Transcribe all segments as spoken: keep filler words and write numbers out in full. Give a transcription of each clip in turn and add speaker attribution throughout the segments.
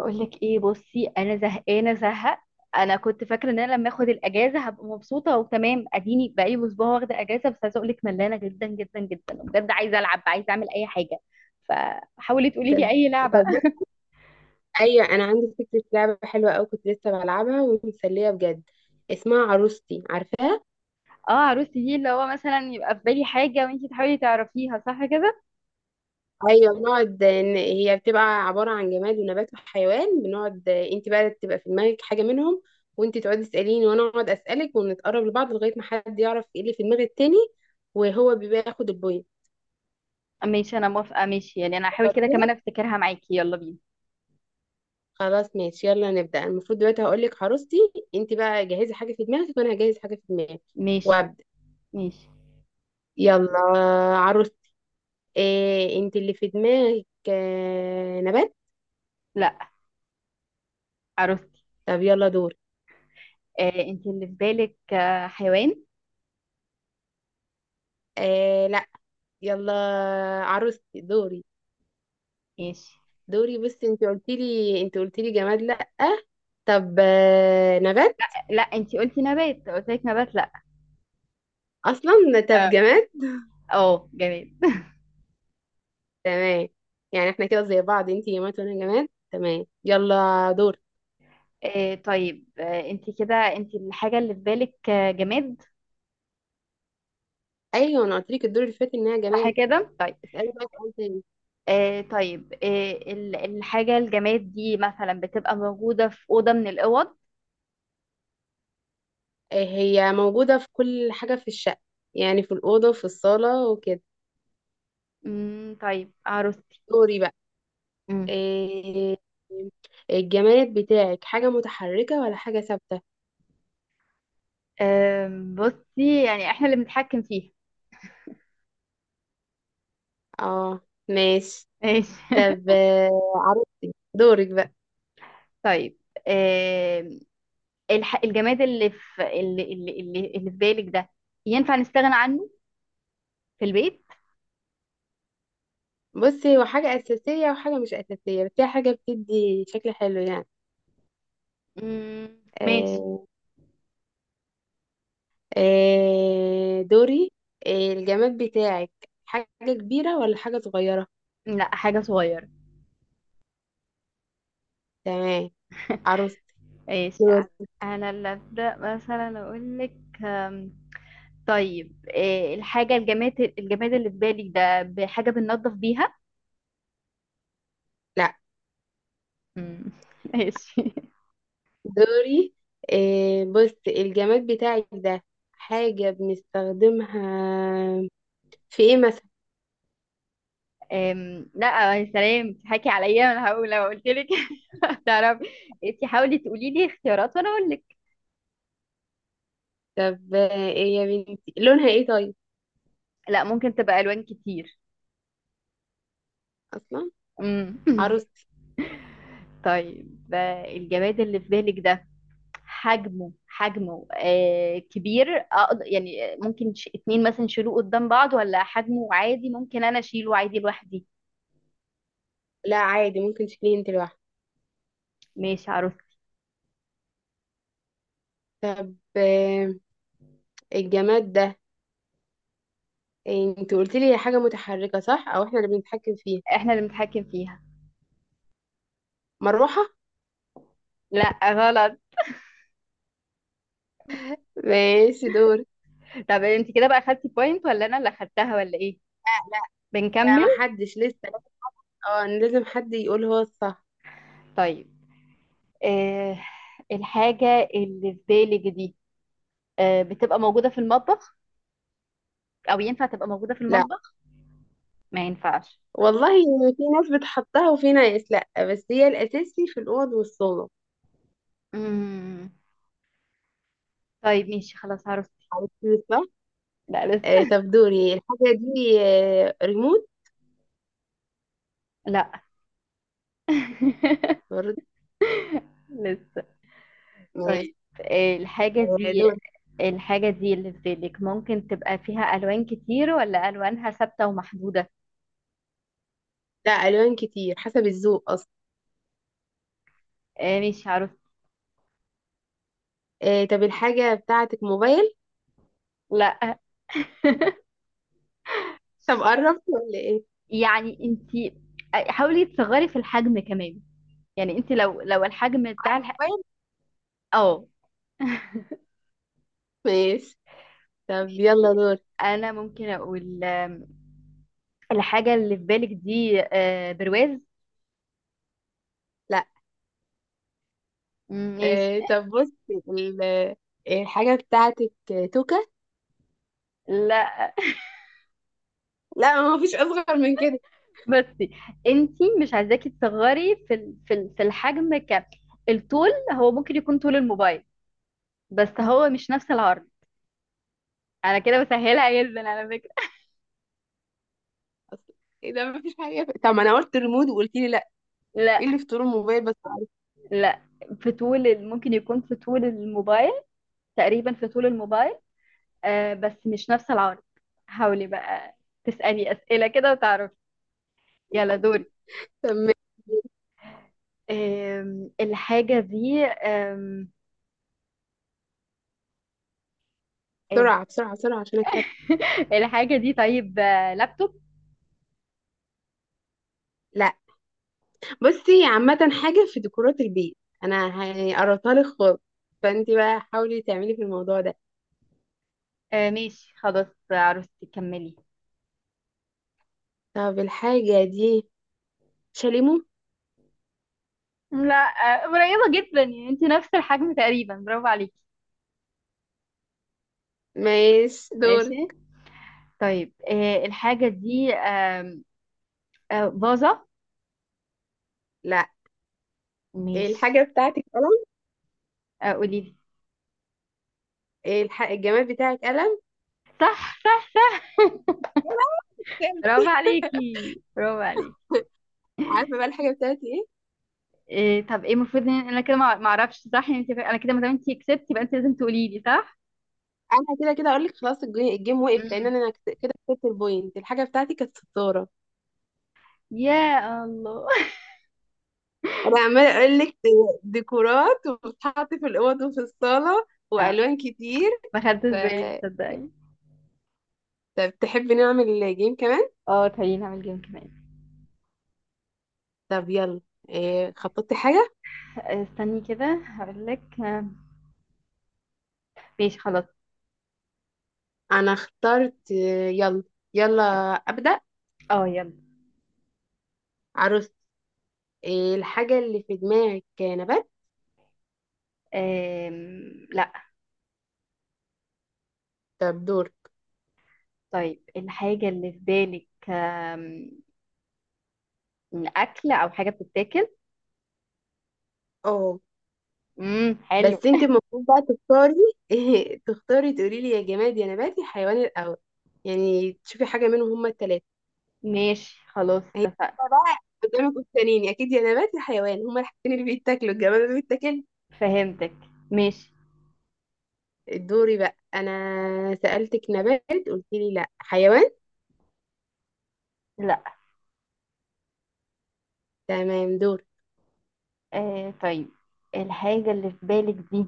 Speaker 1: اقول لك ايه؟ بصي، انا زهقانه زهق. انا كنت فاكره ان انا لما اخد الاجازه هبقى مبسوطه وتمام، اديني بقالي اسبوع واخده اجازه، بس عايزه اقول لك ملانه جدا جدا جدا بجد، عايزه العب، عايزه اعمل اي حاجه. فحاولي تقولي لي
Speaker 2: طب.
Speaker 1: اي لعبه.
Speaker 2: طب بص، ايوه انا عندي فكره لعبه حلوه قوي، كنت لسه بلعبها ومسليه بجد. اسمها عروستي، عارفاها؟
Speaker 1: اه، عروستي دي اللي هو مثلا يبقى في بالي حاجه وانتي تحاولي تعرفيها، صح كده؟
Speaker 2: ايوه بنقعد ن- هي بتبقى عباره عن جماد ونبات وحيوان. بنقعد انت بقى تبقى في دماغك حاجه منهم، وانت تقعدي تساليني وانا اقعد اسالك، ونتقرب لبعض لغايه ما حد يعرف ايه اللي في دماغ التاني، وهو بيبقى ياخد البوينت.
Speaker 1: ماشي، انا موافقه، ماشي يعني انا هحاول كده
Speaker 2: فكرتيها؟
Speaker 1: كمان افتكرها معاكي، يلا بينا.
Speaker 2: خلاص ماشي يلا نبدا. المفروض دلوقتي هقول لك عروستي، انت بقى جهزي حاجه في دماغك وانا هجهز حاجه في دماغي
Speaker 1: ماشي.
Speaker 2: وابدا.
Speaker 1: ماشي.
Speaker 2: يلا. عروستي. إيه انت اللي في دماغك؟ آه نبات.
Speaker 1: لا. عروستي.
Speaker 2: طب يلا دور.
Speaker 1: آه انتي اللي في بالك، آه حيوان.
Speaker 2: إيه لا. يلا عروستي دوري.
Speaker 1: ماشي.
Speaker 2: دوري، بس انت قلت لي، انت قلت لي جماد؟ لا. طب آه نبات؟
Speaker 1: لا، انتي قلتي نبات، قلت لك نبات.
Speaker 2: اصلا. طب
Speaker 1: لا.
Speaker 2: جماد؟
Speaker 1: اه، جماد.
Speaker 2: تمام، يعني احنا كده زي بعض، انت جماد وانا جماد. تمام يلا دور.
Speaker 1: آه طيب آه انت كده، انت الحاجة اللي في بالك آه، جماد.
Speaker 2: ايوه انا قلت لك الدور اللي فات انها
Speaker 1: صح
Speaker 2: جماد.
Speaker 1: كده، طيب.
Speaker 2: اسالي بقى سؤال تاني.
Speaker 1: آه طيب آه ال- الحاجة الجماد دي مثلا بتبقى موجودة في أوضة من الأوض.
Speaker 2: إيه، هي موجوده في كل حاجه في الشقه، يعني في الاوضه، في الصاله وكده.
Speaker 1: مم طيب عروستي.
Speaker 2: دوري بقى.
Speaker 1: مم.
Speaker 2: إيه، الجماد بتاعك حاجة متحركة ولا حاجة ثابتة؟
Speaker 1: آه بصي، يعني احنا اللي بنتحكم فيها.
Speaker 2: اه، ماشي.
Speaker 1: ماشي.
Speaker 2: طب آه، عرفتي دورك بقى.
Speaker 1: طيب، آه الح... الجماد اللي في اللي اللي اللي اللي في بالك ده ينفع نستغنى عنه في البيت؟
Speaker 2: بصي هو حاجة أساسية وحاجة مش أساسية، بس هي حاجة بتدي شكل حلو يعني.
Speaker 1: مم. ماشي.
Speaker 2: آه، آه، دوري. آه، الجماد بتاعك حاجة كبيرة ولا حاجة صغيرة؟
Speaker 1: لا، حاجة صغيرة.
Speaker 2: تمام. عروستي
Speaker 1: ايش.
Speaker 2: دوري.
Speaker 1: انا اللي ابدا مثلا اقول لك. أم، طيب، إيه الحاجه الجماد الجماد اللي في بالك ده بحاجه بننظف بيها؟
Speaker 2: لا
Speaker 1: أمم، ماشي.
Speaker 2: دوري، آه، بصي الجماد بتاعك ده حاجة بنستخدمها في ايه مثلا؟
Speaker 1: أم، لا، يا سلام تضحكي عليا، انا هقول لو قلت لك. تعرفي، انت حاولي تقولي لي اختيارات وانا اقول لك.
Speaker 2: طب آه، ايه يا بنتي، لونها ايه طيب؟
Speaker 1: لا، ممكن تبقى الوان كتير.
Speaker 2: اصلا.
Speaker 1: أمم.
Speaker 2: عروستي.
Speaker 1: طيب، آه، الجماد اللي في بالك ده حجمه، حجمه آه كبير، أقد- يعني ممكن ش- اتنين مثلا يشيلوه قدام بعض، ولا حجمه عادي ممكن انا اشيله عادي لوحدي؟
Speaker 2: لا عادي، ممكن تشيليه انت لوحدك.
Speaker 1: ماشي عروس.
Speaker 2: طب آه، الجماد ده، إيه، انت قلت لي حاجه متحركه صح، او احنا اللي بنتحكم فيها؟
Speaker 1: احنا اللي بنتحكم فيها.
Speaker 2: مروحه.
Speaker 1: لا غلط.
Speaker 2: ماشي دور. لا.
Speaker 1: طب انت كده بقى خدتي بوينت ولا انا اللي خدتها ولا ايه؟ بنكمل.
Speaker 2: لا ما حدش لسه. اه لازم حد يقول هو الصح.
Speaker 1: طيب، آه الحاجة اللي في بالك دي آه بتبقى موجودة في المطبخ، او ينفع تبقى موجودة في
Speaker 2: لا
Speaker 1: المطبخ؟ ما ينفعش.
Speaker 2: والله، في ناس بتحطها وفي ناس لا، بس هي الاساسي في الاوض والصالة.
Speaker 1: مم. طيب ماشي، خلاص عرفت.
Speaker 2: عرفتي صح؟
Speaker 1: لا
Speaker 2: آه،
Speaker 1: لسه.
Speaker 2: طب دوري. الحاجه دي آه، ريموت؟
Speaker 1: لا.
Speaker 2: برضه.
Speaker 1: لسه.
Speaker 2: ماشي.
Speaker 1: طيب، آه، الحاجة
Speaker 2: آه،
Speaker 1: دي،
Speaker 2: دور.
Speaker 1: الحاجة دي اللي في بالك ممكن تبقى فيها ألوان كتير، ولا ألوانها ثابتة ومحدودة؟
Speaker 2: لا، الوان كتير حسب الذوق اصلا.
Speaker 1: آه، مش عارف.
Speaker 2: آه طب الحاجه بتاعتك موبايل؟
Speaker 1: لا،
Speaker 2: طب قربت ولا ايه؟
Speaker 1: يعني انت حاولي تصغري في الحجم كمان، يعني انت لو لو الحجم بتاع الح...
Speaker 2: موبايل.
Speaker 1: اه.
Speaker 2: ماشي. طب يلا
Speaker 1: ماشي.
Speaker 2: دور.
Speaker 1: انا ممكن اقول آم، الحاجة اللي في بالك دي آه، برواز.
Speaker 2: لا.
Speaker 1: مم، ماشي.
Speaker 2: آه طب بصي ال- آه، الحاجه بتاعتك توكه؟
Speaker 1: لا.
Speaker 2: لا ما فيش اصغر من كده.
Speaker 1: بصي، انت مش عايزاكي تصغري في ال- في ال- في الحجم، ك الطول هو ممكن يكون طول الموبايل، بس هو مش نفس العرض، انا كده بسهلها جدا على فكرة.
Speaker 2: أصل، ايه ده ما فيش حاجه، طب ما انا قلت ريموت وقلت لي لا. ايه
Speaker 1: لا.
Speaker 2: اللي في طول الموبايل بس؟
Speaker 1: لا، في طول ال- ممكن يكون في طول الموبايل، تقريبا في طول الموبايل، آه بس مش نفس العرض. حاولي بقى تسألي أسئلة كده وتعرفي. يلا دوري.
Speaker 2: طب ماشي.
Speaker 1: آم، الحاجة دي، آم، ال-
Speaker 2: بسرعه بسرعه بسرعه عشان اكسب.
Speaker 1: الحاجة دي، طيب آه، لابتوب.
Speaker 2: لا. بصي، عامه حاجه في ديكورات البيت، انا هقرطها لك خالص، فانت بقى حاولي تعملي في الموضوع ده.
Speaker 1: آه ماشي خلاص. آه، عروستي كملي.
Speaker 2: طب الحاجة دي شاليمو؟
Speaker 1: لا، آه، قريبة جدا، يعني انت نفس الحجم تقريبا، برافو عليكي.
Speaker 2: ماشي دول.
Speaker 1: ماشي. طيب، آه، الحاجة دي آه باظة.
Speaker 2: لا.
Speaker 1: ماشي.
Speaker 2: الحاجة بتاعتك قلم؟
Speaker 1: آه، قولي لي.
Speaker 2: الح... الجماد بتاعك قلم؟
Speaker 1: صح، صح، صح، برافو عليكي، برافو عليكي.
Speaker 2: عارفة بقى الحاجة بتاعتي ايه؟
Speaker 1: إيه؟ طب ايه المفروض ان انا كده ما ما اعرفش صح؟ يعني انت انا كده ما دام انت كسبتي يبقى انت لازم تقولي لي صح.
Speaker 2: انا كده كده اقول لك خلاص، الجي- الجيم وقف، لان
Speaker 1: امم.
Speaker 2: انا كت- كده كسبت البوينت. الحاجة بتاعتي كانت ستارة.
Speaker 1: يا الله.
Speaker 2: انا عمالة اقول لك ديكورات، وبتتحط في الاوض وفي الصالة،
Speaker 1: آه،
Speaker 2: والوان كتير.
Speaker 1: ما
Speaker 2: ف...
Speaker 1: خدتش بالي تصدقني.
Speaker 2: طب تحبي نعمل جيم كمان؟
Speaker 1: اه تعالي نعمل جيم كمان.
Speaker 2: طب يلا. إيه، خططتي حاجة؟
Speaker 1: آه، استني كده هقول لك. آه، ماشي خلاص.
Speaker 2: انا اخترت. آه، يلا. يلا ابدأ.
Speaker 1: اه يلا.
Speaker 2: عروس. إيه الحاجة اللي في دماغك؟ نبات؟
Speaker 1: آم، لا.
Speaker 2: طب دور.
Speaker 1: طيب الحاجة اللي في بالك آم، أكل أو حاجة بتتاكل.
Speaker 2: اه،
Speaker 1: امم حلو.
Speaker 2: بس انت المفروض بقى تختاري، تختاري تقولي لي يا جماد يا نبات يا حيوان الاول. يعني تشوفي حاجه منهم هما الثلاثه.
Speaker 1: ماشي خلاص،
Speaker 2: هي
Speaker 1: اتفقنا.
Speaker 2: بقى قدامك قدامين اكيد، يا نبات يا حيوان هما الحاجتين اللي بيتاكلوا، الجماد اللي بيتاكل.
Speaker 1: فهمتك. ماشي.
Speaker 2: دوري بقى. انا سالتك نبات، قلت لي لا حيوان.
Speaker 1: لا.
Speaker 2: تمام دور.
Speaker 1: آه طيب الحاجة اللي في بالك دي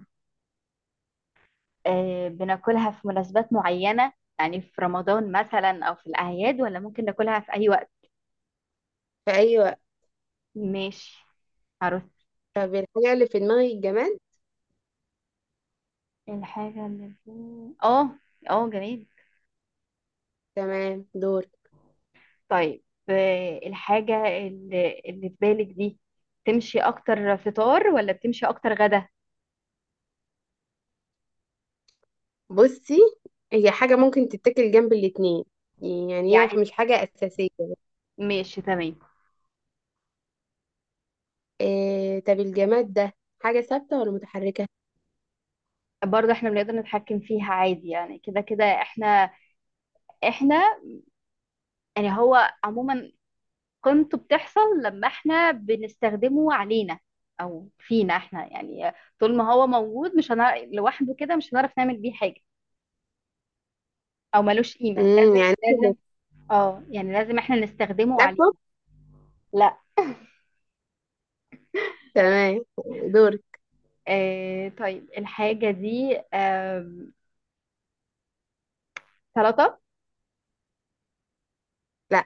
Speaker 1: آه بناكلها في مناسبات معينة، يعني في رمضان مثلا أو في الأعياد، ولا ممكن ناكلها في أي وقت؟
Speaker 2: في اي وقت.
Speaker 1: ماشي، عرفت.
Speaker 2: طب الحاجه اللي في دماغي الجماد.
Speaker 1: الحاجة اللي في. اه. اه جميل.
Speaker 2: تمام دور.
Speaker 1: طيب، آه الحاجة اللي, اللي في بالك دي تمشي أكتر فطار، ولا بتمشي أكتر غدا؟
Speaker 2: بصي هي حاجه ممكن تتاكل جنب الاتنين، يعني هي
Speaker 1: يعني.
Speaker 2: مش حاجه اساسيه.
Speaker 1: ماشي تمام.
Speaker 2: إيه طب الجماد ده حاجة ثابتة ولا متحركة؟
Speaker 1: برضه احنا بنقدر نتحكم فيها عادي يعني، كده كده احنا احنا يعني، هو عموما قيمته بتحصل لما احنا بنستخدمه علينا، او فينا احنا يعني، طول ما هو موجود مش هنعرف لوحده كده مش هنعرف نعمل بيه حاجة، او ملوش قيمة،
Speaker 2: امم
Speaker 1: لازم
Speaker 2: يعني إنت،
Speaker 1: لازم. اه يعني لازم احنا نستخدمه علينا.
Speaker 2: لابتوب؟
Speaker 1: لا.
Speaker 2: تمام دور.
Speaker 1: آه طيب الحاجة دي آه سلطة.
Speaker 2: لا.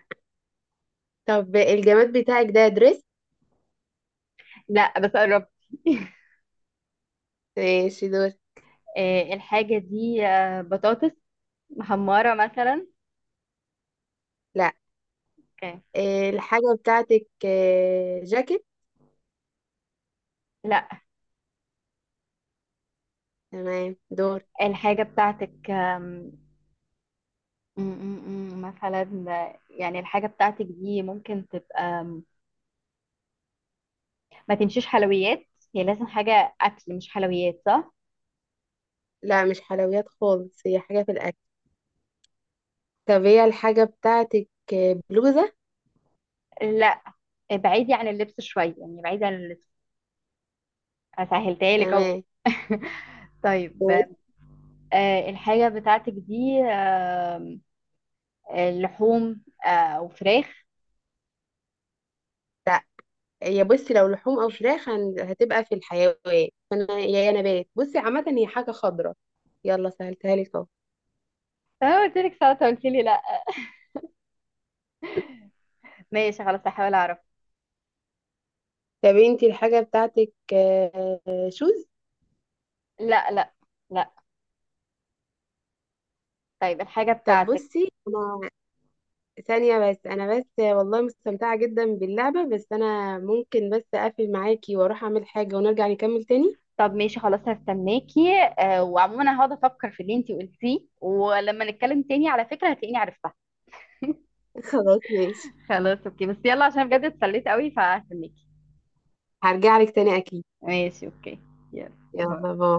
Speaker 2: طب الجماد بتاعك ده دريس؟
Speaker 1: لا، بس قربت.
Speaker 2: ماشي دور.
Speaker 1: آه الحاجة دي آه بطاطس محمرة مثلا.
Speaker 2: لا.
Speaker 1: اوكي.
Speaker 2: إيه الحاجة بتاعتك، إيه، جاكيت؟
Speaker 1: لا.
Speaker 2: تمام دور.
Speaker 1: الحاجة بتاعتك، م- م- م. مثلا يعني الحاجة بتاعتك دي ممكن تبقى، ما تمشيش حلويات، هي لازم حاجة أكل مش حلويات، صح؟
Speaker 2: لا مش حلويات خالص، هي حاجة في الأكل. طب هي الحاجة بتاعتك إيه، بلوزة؟
Speaker 1: لا. بعيدي عن اللبس شوية، يعني بعيدي عن اللبس، سهلتها لك أهو.
Speaker 2: تمام.
Speaker 1: طيب،
Speaker 2: إيه؟
Speaker 1: آه، الحاجة بتاعتك دي آه، لحوم آه، أو فراخ.
Speaker 2: لا. هي بصي لو لحوم أو فراخ هن- هتبقى في الحيوان، فأنا يا يا نبات. بصي عامة هي حاجة خضراء، يلا سهلتها لك اهو.
Speaker 1: أنا قلت لك ساعتها قلت لي لا. ماشي خلاص، هحاول أعرف.
Speaker 2: طب انتي الحاجة بتاعتك آه، شوز؟
Speaker 1: لا لا. لا. طيب الحاجة
Speaker 2: طب
Speaker 1: بتاعتك.
Speaker 2: بصي انا ثانية بس، انا بس والله مستمتعة جدا باللعبة، بس انا ممكن بس اقفل معاكي واروح اعمل حاجة ونرجع نكمل تاني.
Speaker 1: طب ماشي خلاص، هستناكي. آه، وعموما انا هقعد افكر في اللي انتي قلتيه، ولما نتكلم تاني على فكرة هتلاقيني عرفتها.
Speaker 2: خلاص ماشي.
Speaker 1: خلاص اوكي، بس يلا عشان بجد اتسليت قوي، فهستناكي.
Speaker 2: هرجع لك تاني اكيد.
Speaker 1: ماشي اوكي. يلا باي.
Speaker 2: يلا باي.